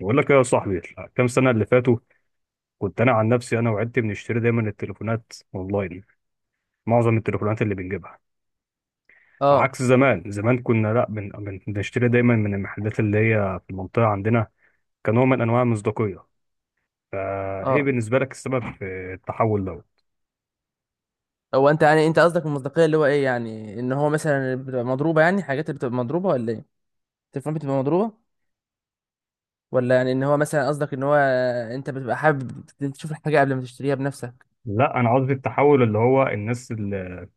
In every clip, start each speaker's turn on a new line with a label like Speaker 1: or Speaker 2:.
Speaker 1: بقول لك إيه يا صاحبي؟ كام سنة اللي فاتوا، كنت أنا عن نفسي أنا وعدت بنشتري دايما التليفونات أونلاين. معظم التليفونات اللي بنجيبها
Speaker 2: اه،
Speaker 1: عكس زمان. زمان كنا لأ بنشتري دايما من المحلات اللي هي في المنطقة عندنا، كنوع من أنواع المصداقية. فإيه
Speaker 2: اه،
Speaker 1: بالنسبة لك السبب في التحول ده؟
Speaker 2: هو انت يعني انت قصدك المصداقيه اللي هو ايه، يعني ان هو مثلا بتبقى مضروبه، يعني حاجات اللي بتبقى مضروبه ولا ايه؟ التليفون بتبقى مضروبه؟ ولا يعني ان هو مثلا قصدك ان هو انت بتبقى حابب تشوف الحاجه قبل ما تشتريها بنفسك؟
Speaker 1: لا، أنا قصدي التحول اللي هو الناس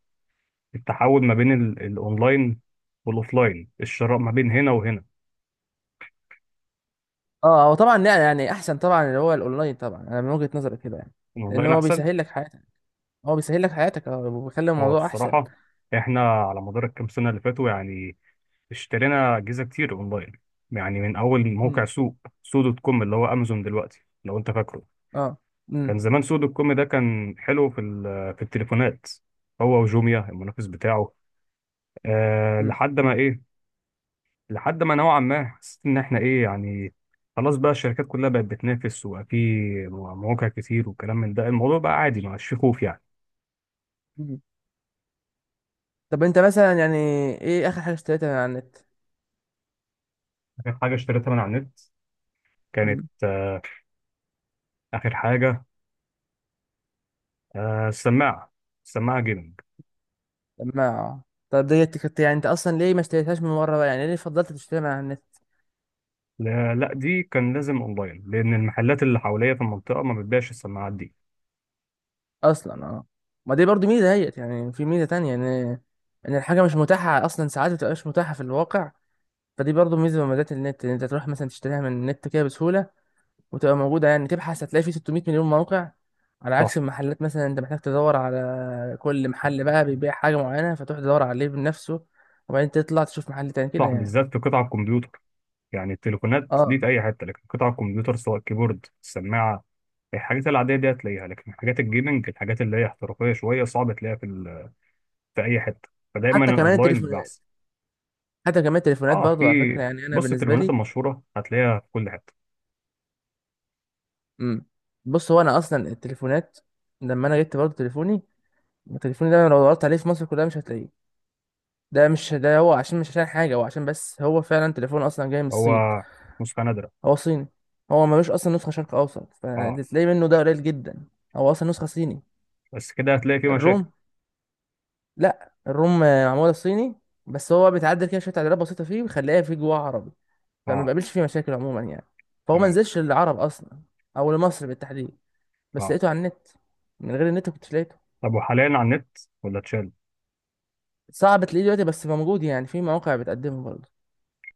Speaker 1: التحول ما بين الأونلاين والأوفلاين، الشراء ما بين هنا وهنا.
Speaker 2: اه، هو طبعا يعني احسن طبعا اللي هو الاونلاين، طبعا انا من وجهه نظري كده يعني. لان
Speaker 1: الأونلاين
Speaker 2: هو
Speaker 1: أحسن.
Speaker 2: بيسهل لك حياتك هو بيسهل لك حياتك اه وبيخلي
Speaker 1: هو
Speaker 2: الموضوع احسن.
Speaker 1: الصراحة إحنا على مدار الكام سنة اللي فاتوا، يعني اشترينا اجهزه كتير اونلاين، يعني من اول موقع
Speaker 2: امم.
Speaker 1: سوق، سو دوت كوم اللي هو امازون دلوقتي لو انت فاكره.
Speaker 2: اه. امم.
Speaker 1: كان زمان سو دوت كوم ده كان حلو في التليفونات، هو وجوميا المنافس بتاعه. لحد ما ايه، لحد ما نوعا ما حسيت ان احنا ايه، يعني خلاص بقى الشركات كلها بقت بتنافس وبقى في مواقع كتير وكلام من ده. الموضوع بقى عادي، ما عادش فيه خوف يعني.
Speaker 2: امم. طب انت مثلا يعني ايه اخر حاجه اشتريتها من على
Speaker 1: اخر حاجه اشتريتها من على النت كانت
Speaker 2: النت؟
Speaker 1: اخر حاجه السماعه، السماعه جيمنج.
Speaker 2: ما طب ديت كنت يعني انت اصلا ليه ما اشتريتهاش من بره بقى؟ يعني ليه فضلت تشتريها من على النت؟
Speaker 1: لا لا، دي كان لازم اونلاين لان المحلات اللي حواليا في المنطقه ما بتبيعش السماعات دي.
Speaker 2: اصلا. اه. ما دي برضو ميزه هيت، يعني في ميزه تانية ان الحاجه مش متاحه اصلا، ساعات ما بتبقاش متاحه في الواقع. فدي برضو ميزه من مميزات النت ان انت تروح مثلا تشتريها من النت كده بسهوله وتبقى موجوده. يعني تبحث هتلاقي فيه 600 مليون موقع، على
Speaker 1: صح.
Speaker 2: عكس المحلات مثلا انت محتاج تدور على كل محل بقى بيبيع حاجه معينه، فتروح تدور عليه بنفسه وبعدين تطلع تشوف محل تاني كده
Speaker 1: صح،
Speaker 2: يعني.
Speaker 1: بالذات في قطع الكمبيوتر. يعني التليفونات دي
Speaker 2: اه،
Speaker 1: في اي حته، لكن قطع الكمبيوتر سواء الكيبورد، السماعه، الحاجات العاديه دي هتلاقيها، لكن حاجات الجيمنج، الحاجات اللي هي احترافيه شويه، صعب تلاقيها في اي حته، فدايما
Speaker 2: حتى كمان
Speaker 1: الاونلاين
Speaker 2: التليفون
Speaker 1: بيبقى احسن.
Speaker 2: حتى كمان التليفونات
Speaker 1: اه، في.
Speaker 2: برضه، على فكرة يعني، أنا
Speaker 1: بص،
Speaker 2: بالنسبة
Speaker 1: التليفونات
Speaker 2: لي.
Speaker 1: المشهوره هتلاقيها في كل حته.
Speaker 2: امم. بص، هو أنا أصلا التليفونات لما أنا جبت برضه تليفوني ده، أنا لو دورت عليه في مصر كلها مش هتلاقيه. ده مش ده هو، عشان مش عشان حاجة، هو عشان بس هو فعلا تليفون أصلا جاي من
Speaker 1: هو
Speaker 2: الصين.
Speaker 1: نسخه نادره.
Speaker 2: هو صيني. هو ملوش أصلا نسخة شرق أوسط،
Speaker 1: اه.
Speaker 2: فاللي تلاقيه منه ده قليل جدا. هو أصلا نسخة صيني.
Speaker 1: بس كده هتلاقي فيه مشاكل.
Speaker 2: الروم لأ، الروم معمولة صيني، بس هو بيتعدل كده شوية تعديلات بسيطة فيه ويخليها فيه جواه عربي، فما
Speaker 1: اه،
Speaker 2: بقابلش فيه مشاكل عموما يعني. فهو
Speaker 1: تمام.
Speaker 2: منزلش للعرب أصلا أو لمصر بالتحديد. بس
Speaker 1: اه،
Speaker 2: لقيته على النت. من غير النت كنت لقيته.
Speaker 1: طب وحاليا على النت ولا اتشال؟
Speaker 2: صعب تلاقيه دلوقتي بس موجود يعني، في مواقع بتقدمه برضه.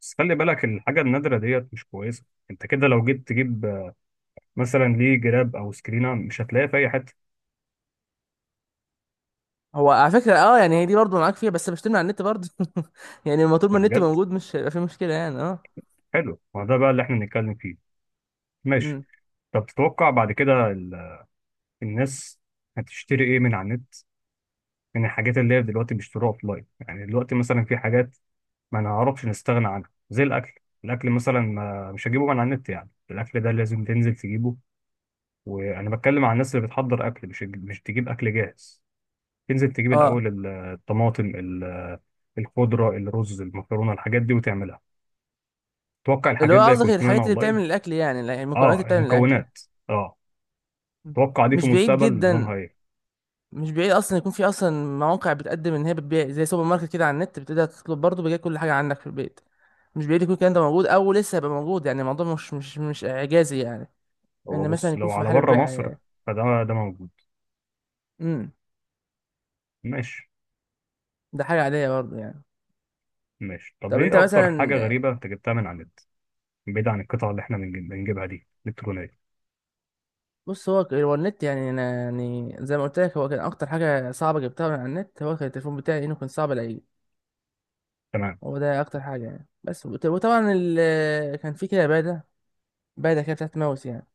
Speaker 1: بس خلي بالك، الحاجة النادرة ديت مش كويسة. انت كده لو جيت تجيب مثلا ليه جراب او سكرينة، مش هتلاقيها في اي حتة.
Speaker 2: هو على فكرة اه، يعني هي دي برضه معاك فيها، بس بشتمل على النت برضه يعني لما طول ما
Speaker 1: يعني
Speaker 2: النت
Speaker 1: بجد
Speaker 2: موجود مش هيبقى في مشكلة يعني اه
Speaker 1: حلو، ما ده بقى اللي احنا بنتكلم فيه. ماشي.
Speaker 2: امم.
Speaker 1: طب تتوقع بعد كده الناس هتشتري ايه من على النت، من الحاجات اللي هي دلوقتي بيشتروها اوفلاين؟ يعني دلوقتي مثلا في حاجات ما نعرفش نستغنى عنها زي الاكل. الاكل مثلا، ما مش هجيبه من على النت، يعني الاكل ده لازم تنزل تجيبه، وانا بتكلم عن الناس اللي بتحضر اكل، مش تجيب اكل جاهز، تنزل تجيب
Speaker 2: اه.
Speaker 1: الاول الطماطم، الخضرة، الرز، المكرونة، الحاجات دي وتعملها. توقع
Speaker 2: اللي هو
Speaker 1: الحاجات دي
Speaker 2: قصدك
Speaker 1: هيكون في منها
Speaker 2: الحاجات اللي
Speaker 1: اونلاين؟
Speaker 2: بتعمل الأكل، يعني لا، المكونات
Speaker 1: اه،
Speaker 2: اللي بتعمل الأكل.
Speaker 1: المكونات. اه.
Speaker 2: مم.
Speaker 1: توقع دي في
Speaker 2: مش بعيد
Speaker 1: المستقبل
Speaker 2: جدا.
Speaker 1: نظامها ايه؟
Speaker 2: مش بعيد أصلا يكون في أصلا مواقع بتقدم إن هي بتبيع زي سوبر ماركت كده على النت، بتقدر تطلب برضه بيجي كل حاجة عندك في البيت. مش بعيد يكون الكلام ده موجود أو لسه هيبقى موجود. يعني الموضوع مش إعجازي يعني.
Speaker 1: هو
Speaker 2: إن مثلا
Speaker 1: بص،
Speaker 2: يكون
Speaker 1: لو
Speaker 2: في
Speaker 1: على
Speaker 2: محل
Speaker 1: بره مصر
Speaker 2: بيع.
Speaker 1: فده موجود.
Speaker 2: امم.
Speaker 1: ماشي.
Speaker 2: ده حاجه عاديه برضه يعني.
Speaker 1: ماشي. طب
Speaker 2: طب انت
Speaker 1: ايه اكتر
Speaker 2: مثلا،
Speaker 1: حاجة غريبة انت جبتها من على النت، بعيد عن القطع اللي احنا بنجيبها دي الكترونية؟
Speaker 2: بص، هو النت يعني انا، يعني زي ما قلت لك هو كان اكتر حاجه صعبه جبتها من على النت هو كان التليفون بتاعي، انه كان صعب الاقيه.
Speaker 1: تمام.
Speaker 2: هو ده اكتر حاجه يعني. بس وطبعا كان في كده باده، باده كده بتاعت ماوس يعني،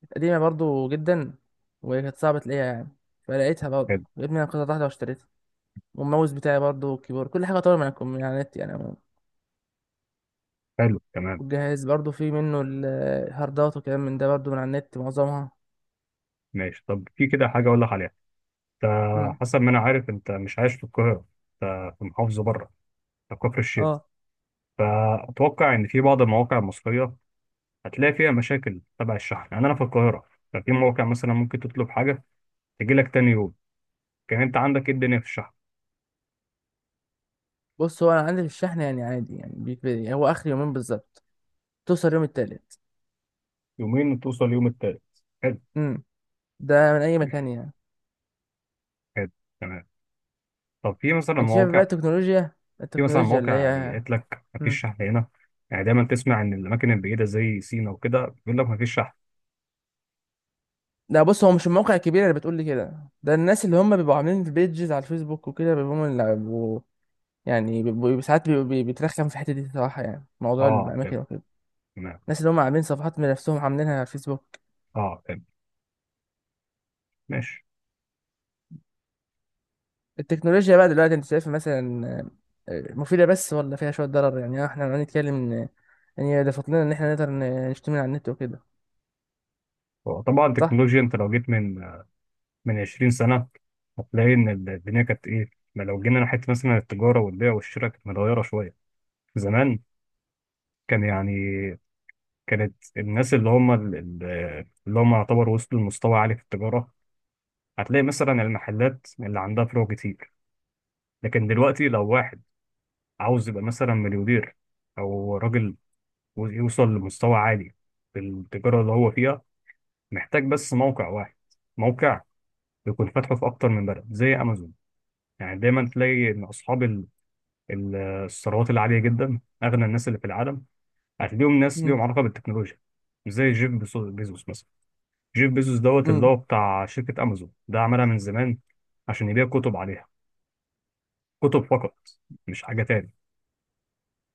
Speaker 2: كانت قديمه برضه جدا وكانت صعبه تلاقيها يعني. فلقيتها برضه،
Speaker 1: حلو.
Speaker 2: جبت منها قطعه واحده واشتريتها. والماوس بتاعي برضه والكيبورد كل حاجه طبعا من على النت يعني عموماً.
Speaker 1: حلو، تمام.
Speaker 2: والجهاز برضه في منه الهاردات وكلام من ده برضه من على النت معظمها.
Speaker 1: ماشي. طب في كده حاجة اقول لك عليها. انت،
Speaker 2: امم.
Speaker 1: حسب ما انا عارف، انت مش عايش في القاهرة، انت في محافظة بره، في كفر الشيخ،
Speaker 2: اه.
Speaker 1: فأتوقع إن في بعض المواقع المصرية هتلاقي فيها مشاكل تبع الشحن. يعني انا في القاهره ففي موقع مثلا ممكن تطلب حاجه تجي لك تاني يوم، كان انت عندك ايه الدنيا في الشحن؟
Speaker 2: بص هو انا عندي في الشحن يعني عادي يعني، بيكفي هو اخر يومين بالظبط، توصل يوم التالت.
Speaker 1: يومين وتوصل اليوم التالت. حلو.
Speaker 2: امم. ده من اي مكان يعني.
Speaker 1: حلو، تمام. طب في مثلا
Speaker 2: انت شايف بقى
Speaker 1: مواقع
Speaker 2: التكنولوجيا
Speaker 1: في مثلا
Speaker 2: التكنولوجيا اللي
Speaker 1: مواقع يعني
Speaker 2: هي.
Speaker 1: قالت لك
Speaker 2: امم.
Speaker 1: مفيش شحن هنا؟ يعني دايما تسمع ان الاماكن البعيده زي سينا وكده بيقول لك مفيش شحن.
Speaker 2: لا، بص هو مش الموقع الكبير اللي بتقول لي كده، ده الناس اللي هم بيبقوا عاملين بيجز على الفيسبوك وكده بيبقوا هم اللي يعني بيبقوا ساعات بيبقوا بيترخم في الحته دي صراحه، يعني موضوع
Speaker 1: اه،
Speaker 2: الاماكن
Speaker 1: فهمت.
Speaker 2: وكده.
Speaker 1: تمام.
Speaker 2: الناس اللي هم عاملين صفحات من نفسهم عاملينها على الفيسبوك.
Speaker 1: اه، فهمت. ماشي.
Speaker 2: التكنولوجيا بقى دلوقتي انت شايفها مثلا مفيدة بس، ولا فيها شوية ضرر؟ يعني احنا لو نتكلم ان هي اضافت لنا ان احنا نقدر نشتري من على النت وكده،
Speaker 1: هو طبعا
Speaker 2: صح؟
Speaker 1: التكنولوجيا، انت لو جيت من 20 سنه هتلاقي ان الدنيا كانت ايه. ما لو جينا ناحيه مثلا التجاره والبيع والشراء، كانت متغيره شويه. زمان كان يعني كانت الناس اللي هم اللي هم يعتبروا وصلوا لمستوى عالي في التجارة، هتلاقي مثلا المحلات اللي عندها فروع كتير. لكن دلوقتي لو واحد عاوز يبقى مثلا مليونير، أو راجل يوصل لمستوى عالي في التجارة اللي هو فيها، محتاج بس موقع واحد، موقع يكون فاتحه في أكتر من بلد زي أمازون. يعني دايما تلاقي إن أصحاب الثروات العالية جدا، أغنى الناس اللي في العالم، هتلاقيهم ناس
Speaker 2: امم.
Speaker 1: ليهم علاقة بالتكنولوجيا، زي بيزوس مثلا. جيف بيزوس دوت اللي
Speaker 2: امم.
Speaker 1: هو بتاع شركة أمازون، ده عملها من زمان عشان يبيع كتب عليها، كتب فقط، مش حاجة تاني.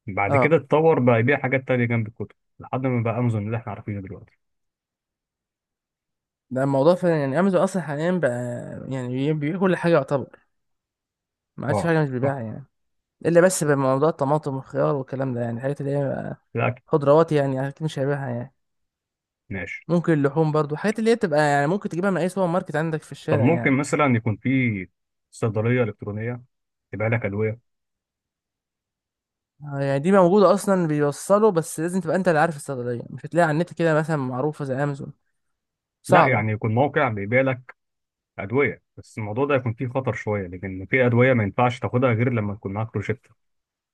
Speaker 1: بعد كده
Speaker 2: اه.
Speaker 1: اتطور بقى يبيع حاجات تانية جنب الكتب لحد ما بقى أمازون اللي احنا عارفينه دلوقتي.
Speaker 2: ده الموضوع فعلا يعني، امازون اصلا حاليا بقى يعني بيبيع كل حاجة يعتبر، ما عادش في
Speaker 1: اه،
Speaker 2: حاجة مش
Speaker 1: صح.
Speaker 2: بيبيعها يعني. الا بس بموضوع الطماطم والخيار والكلام ده، يعني الحاجات اللي هي بقى
Speaker 1: الأكل.
Speaker 2: خضروات يعني، اكيد مش هيبيعها يعني.
Speaker 1: ماشي.
Speaker 2: ممكن اللحوم برضو، الحاجات اللي هي تبقى يعني ممكن تجيبها من اي سوبر ماركت عندك في
Speaker 1: طب
Speaker 2: الشارع
Speaker 1: ممكن
Speaker 2: يعني.
Speaker 1: مثلا يكون في صيدلية إلكترونية تبيع لك أدوية؟
Speaker 2: يعني دي موجودة أصلا، بيوصلوا بس لازم تبقى أنت اللي عارف الصيدلية، مش هتلاقي على النت كده مثلا معروفة زي أمازون،
Speaker 1: لا،
Speaker 2: صعبة.
Speaker 1: يعني يكون موقع بيبيع لك أدوية، بس الموضوع ده يكون فيه خطر شوية، لأن في أدوية ما ينفعش تاخدها غير لما يكون معاك روشتة.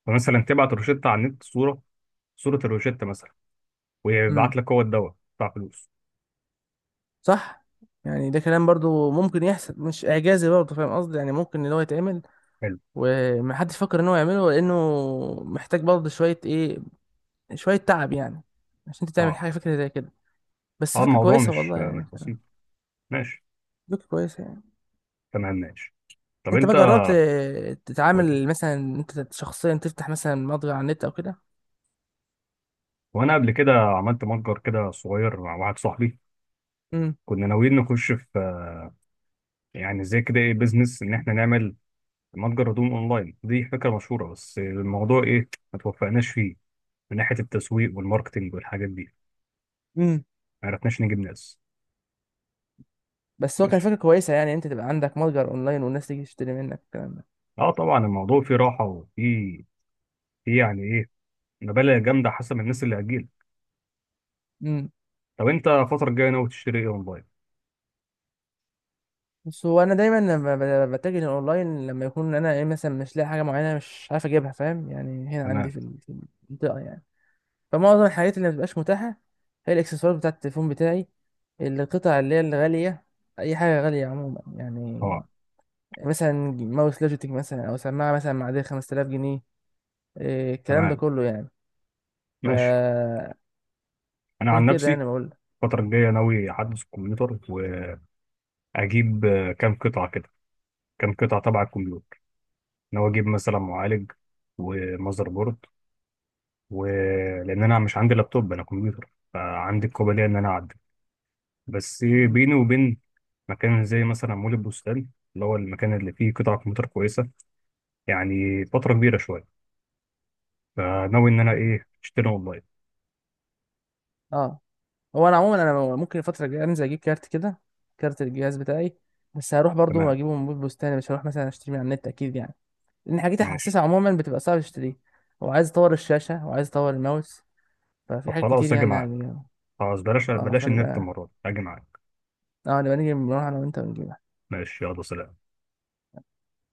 Speaker 1: فمثلا تبعت روشتة على النت، صورة، صورة الروشتة مثلا، ويبعت
Speaker 2: امم.
Speaker 1: لك هو الدواء بتاع فلوس.
Speaker 2: صح. يعني ده كلام برضو ممكن يحصل، مش إعجازي برضو، فاهم قصدي؟ يعني ممكن إن هو يتعمل
Speaker 1: حلو.
Speaker 2: ومحدش فكر إن هو يعمله، لأنه محتاج برضو شوية إيه، شوية تعب يعني، عشان أنت تعمل
Speaker 1: اه.
Speaker 2: حاجة فكرة زي كده. بس
Speaker 1: اه،
Speaker 2: فكرة
Speaker 1: الموضوع
Speaker 2: كويسة
Speaker 1: مش
Speaker 2: والله
Speaker 1: مش
Speaker 2: يعني.
Speaker 1: بسيط. ماشي.
Speaker 2: فكرة كويسة يعني.
Speaker 1: تمام. ماشي. طب
Speaker 2: أنت
Speaker 1: انت
Speaker 2: بقى جربت
Speaker 1: قول-
Speaker 2: تتعامل مثلا، أنت شخصيا تفتح مثلا متجر على النت أو كده؟
Speaker 1: وانا قبل كده عملت متجر كده صغير مع واحد صاحبي،
Speaker 2: امم.
Speaker 1: كنا ناويين نخش في، يعني زي كده، ايه، بيزنس، ان احنا نعمل متجر هدوم اونلاين. دي فكره مشهوره، بس الموضوع ايه، ما توفقناش فيه من ناحيه التسويق والماركتينج والحاجات دي، ما عرفناش نجيب ناس.
Speaker 2: بس هو كان
Speaker 1: ماشي.
Speaker 2: فكرة كويسة يعني، انت تبقى عندك متجر اونلاين والناس تيجي تشتري منك الكلام ده.
Speaker 1: اه، طبعا الموضوع فيه راحه وفيه يعني ايه، مبالغ جامده حسب الناس اللي هتجيلك.
Speaker 2: امم.
Speaker 1: طب انت الفتره الجايه ناوي تشتري ايه اونلاين؟
Speaker 2: بس هو انا دايما لما بتجه للاونلاين، لما يكون انا ايه مثلا مش لاقي حاجة معينة، مش عارف اجيبها فاهم يعني هنا عندي
Speaker 1: تمام.
Speaker 2: في المنطقة يعني. فمعظم الحاجات اللي مبتبقاش متاحة هي الاكسسوارات بتاعة التليفون بتاعي، القطع اللي هي الغالية، اي حاجة غالية عموما يعني.
Speaker 1: اه،
Speaker 2: مثلا ماوس لوجيتك مثلا او سماعة مثلا معدية 5000 جنيه، إيه الكلام ده
Speaker 1: تمام.
Speaker 2: كله يعني. ف،
Speaker 1: ماشي. انا
Speaker 2: عشان
Speaker 1: عن
Speaker 2: كده يعني
Speaker 1: نفسي
Speaker 2: بقول لك.
Speaker 1: الفتره الجايه ناوي احدث الكمبيوتر واجيب كام قطعه كده، كام قطعه تبع الكمبيوتر، ناوي اجيب مثلا معالج ومذر بورد، ولان انا مش عندي لابتوب، انا كمبيوتر، فعندي القابليه ان انا اعدل. بس
Speaker 2: مم.
Speaker 1: بيني وبين مكان زي مثلا مول البستان اللي هو المكان اللي فيه قطع كمبيوتر كويسه، يعني فتره كبيره شويه، فناوي ان انا ايه، اشتري اونلاين.
Speaker 2: اه، هو انا عموما انا ممكن الفتره الجايه انزل اجيب كارت كده، كارت الجهاز بتاعي، بس هروح برضو
Speaker 1: تمام.
Speaker 2: اجيبه من بيت بستاني، مش هروح مثلا اشتري من على النت اكيد يعني. لان حاجات
Speaker 1: ماشي.
Speaker 2: الحساسه عموما بتبقى صعب تشتريها. وعايز اطور الشاشه وعايز اطور الماوس، ففي
Speaker 1: طب
Speaker 2: حاجات كتير
Speaker 1: خلاص اجي
Speaker 2: يعني
Speaker 1: معاك،
Speaker 2: هنجيبها.
Speaker 1: خلاص بلاش
Speaker 2: اه،
Speaker 1: بلاش النت
Speaker 2: فنبقى
Speaker 1: المره دي، اجي معاك.
Speaker 2: اه نبقى نيجي نروح انا وانت ونجيبها.
Speaker 1: ماشي، يلا سلام.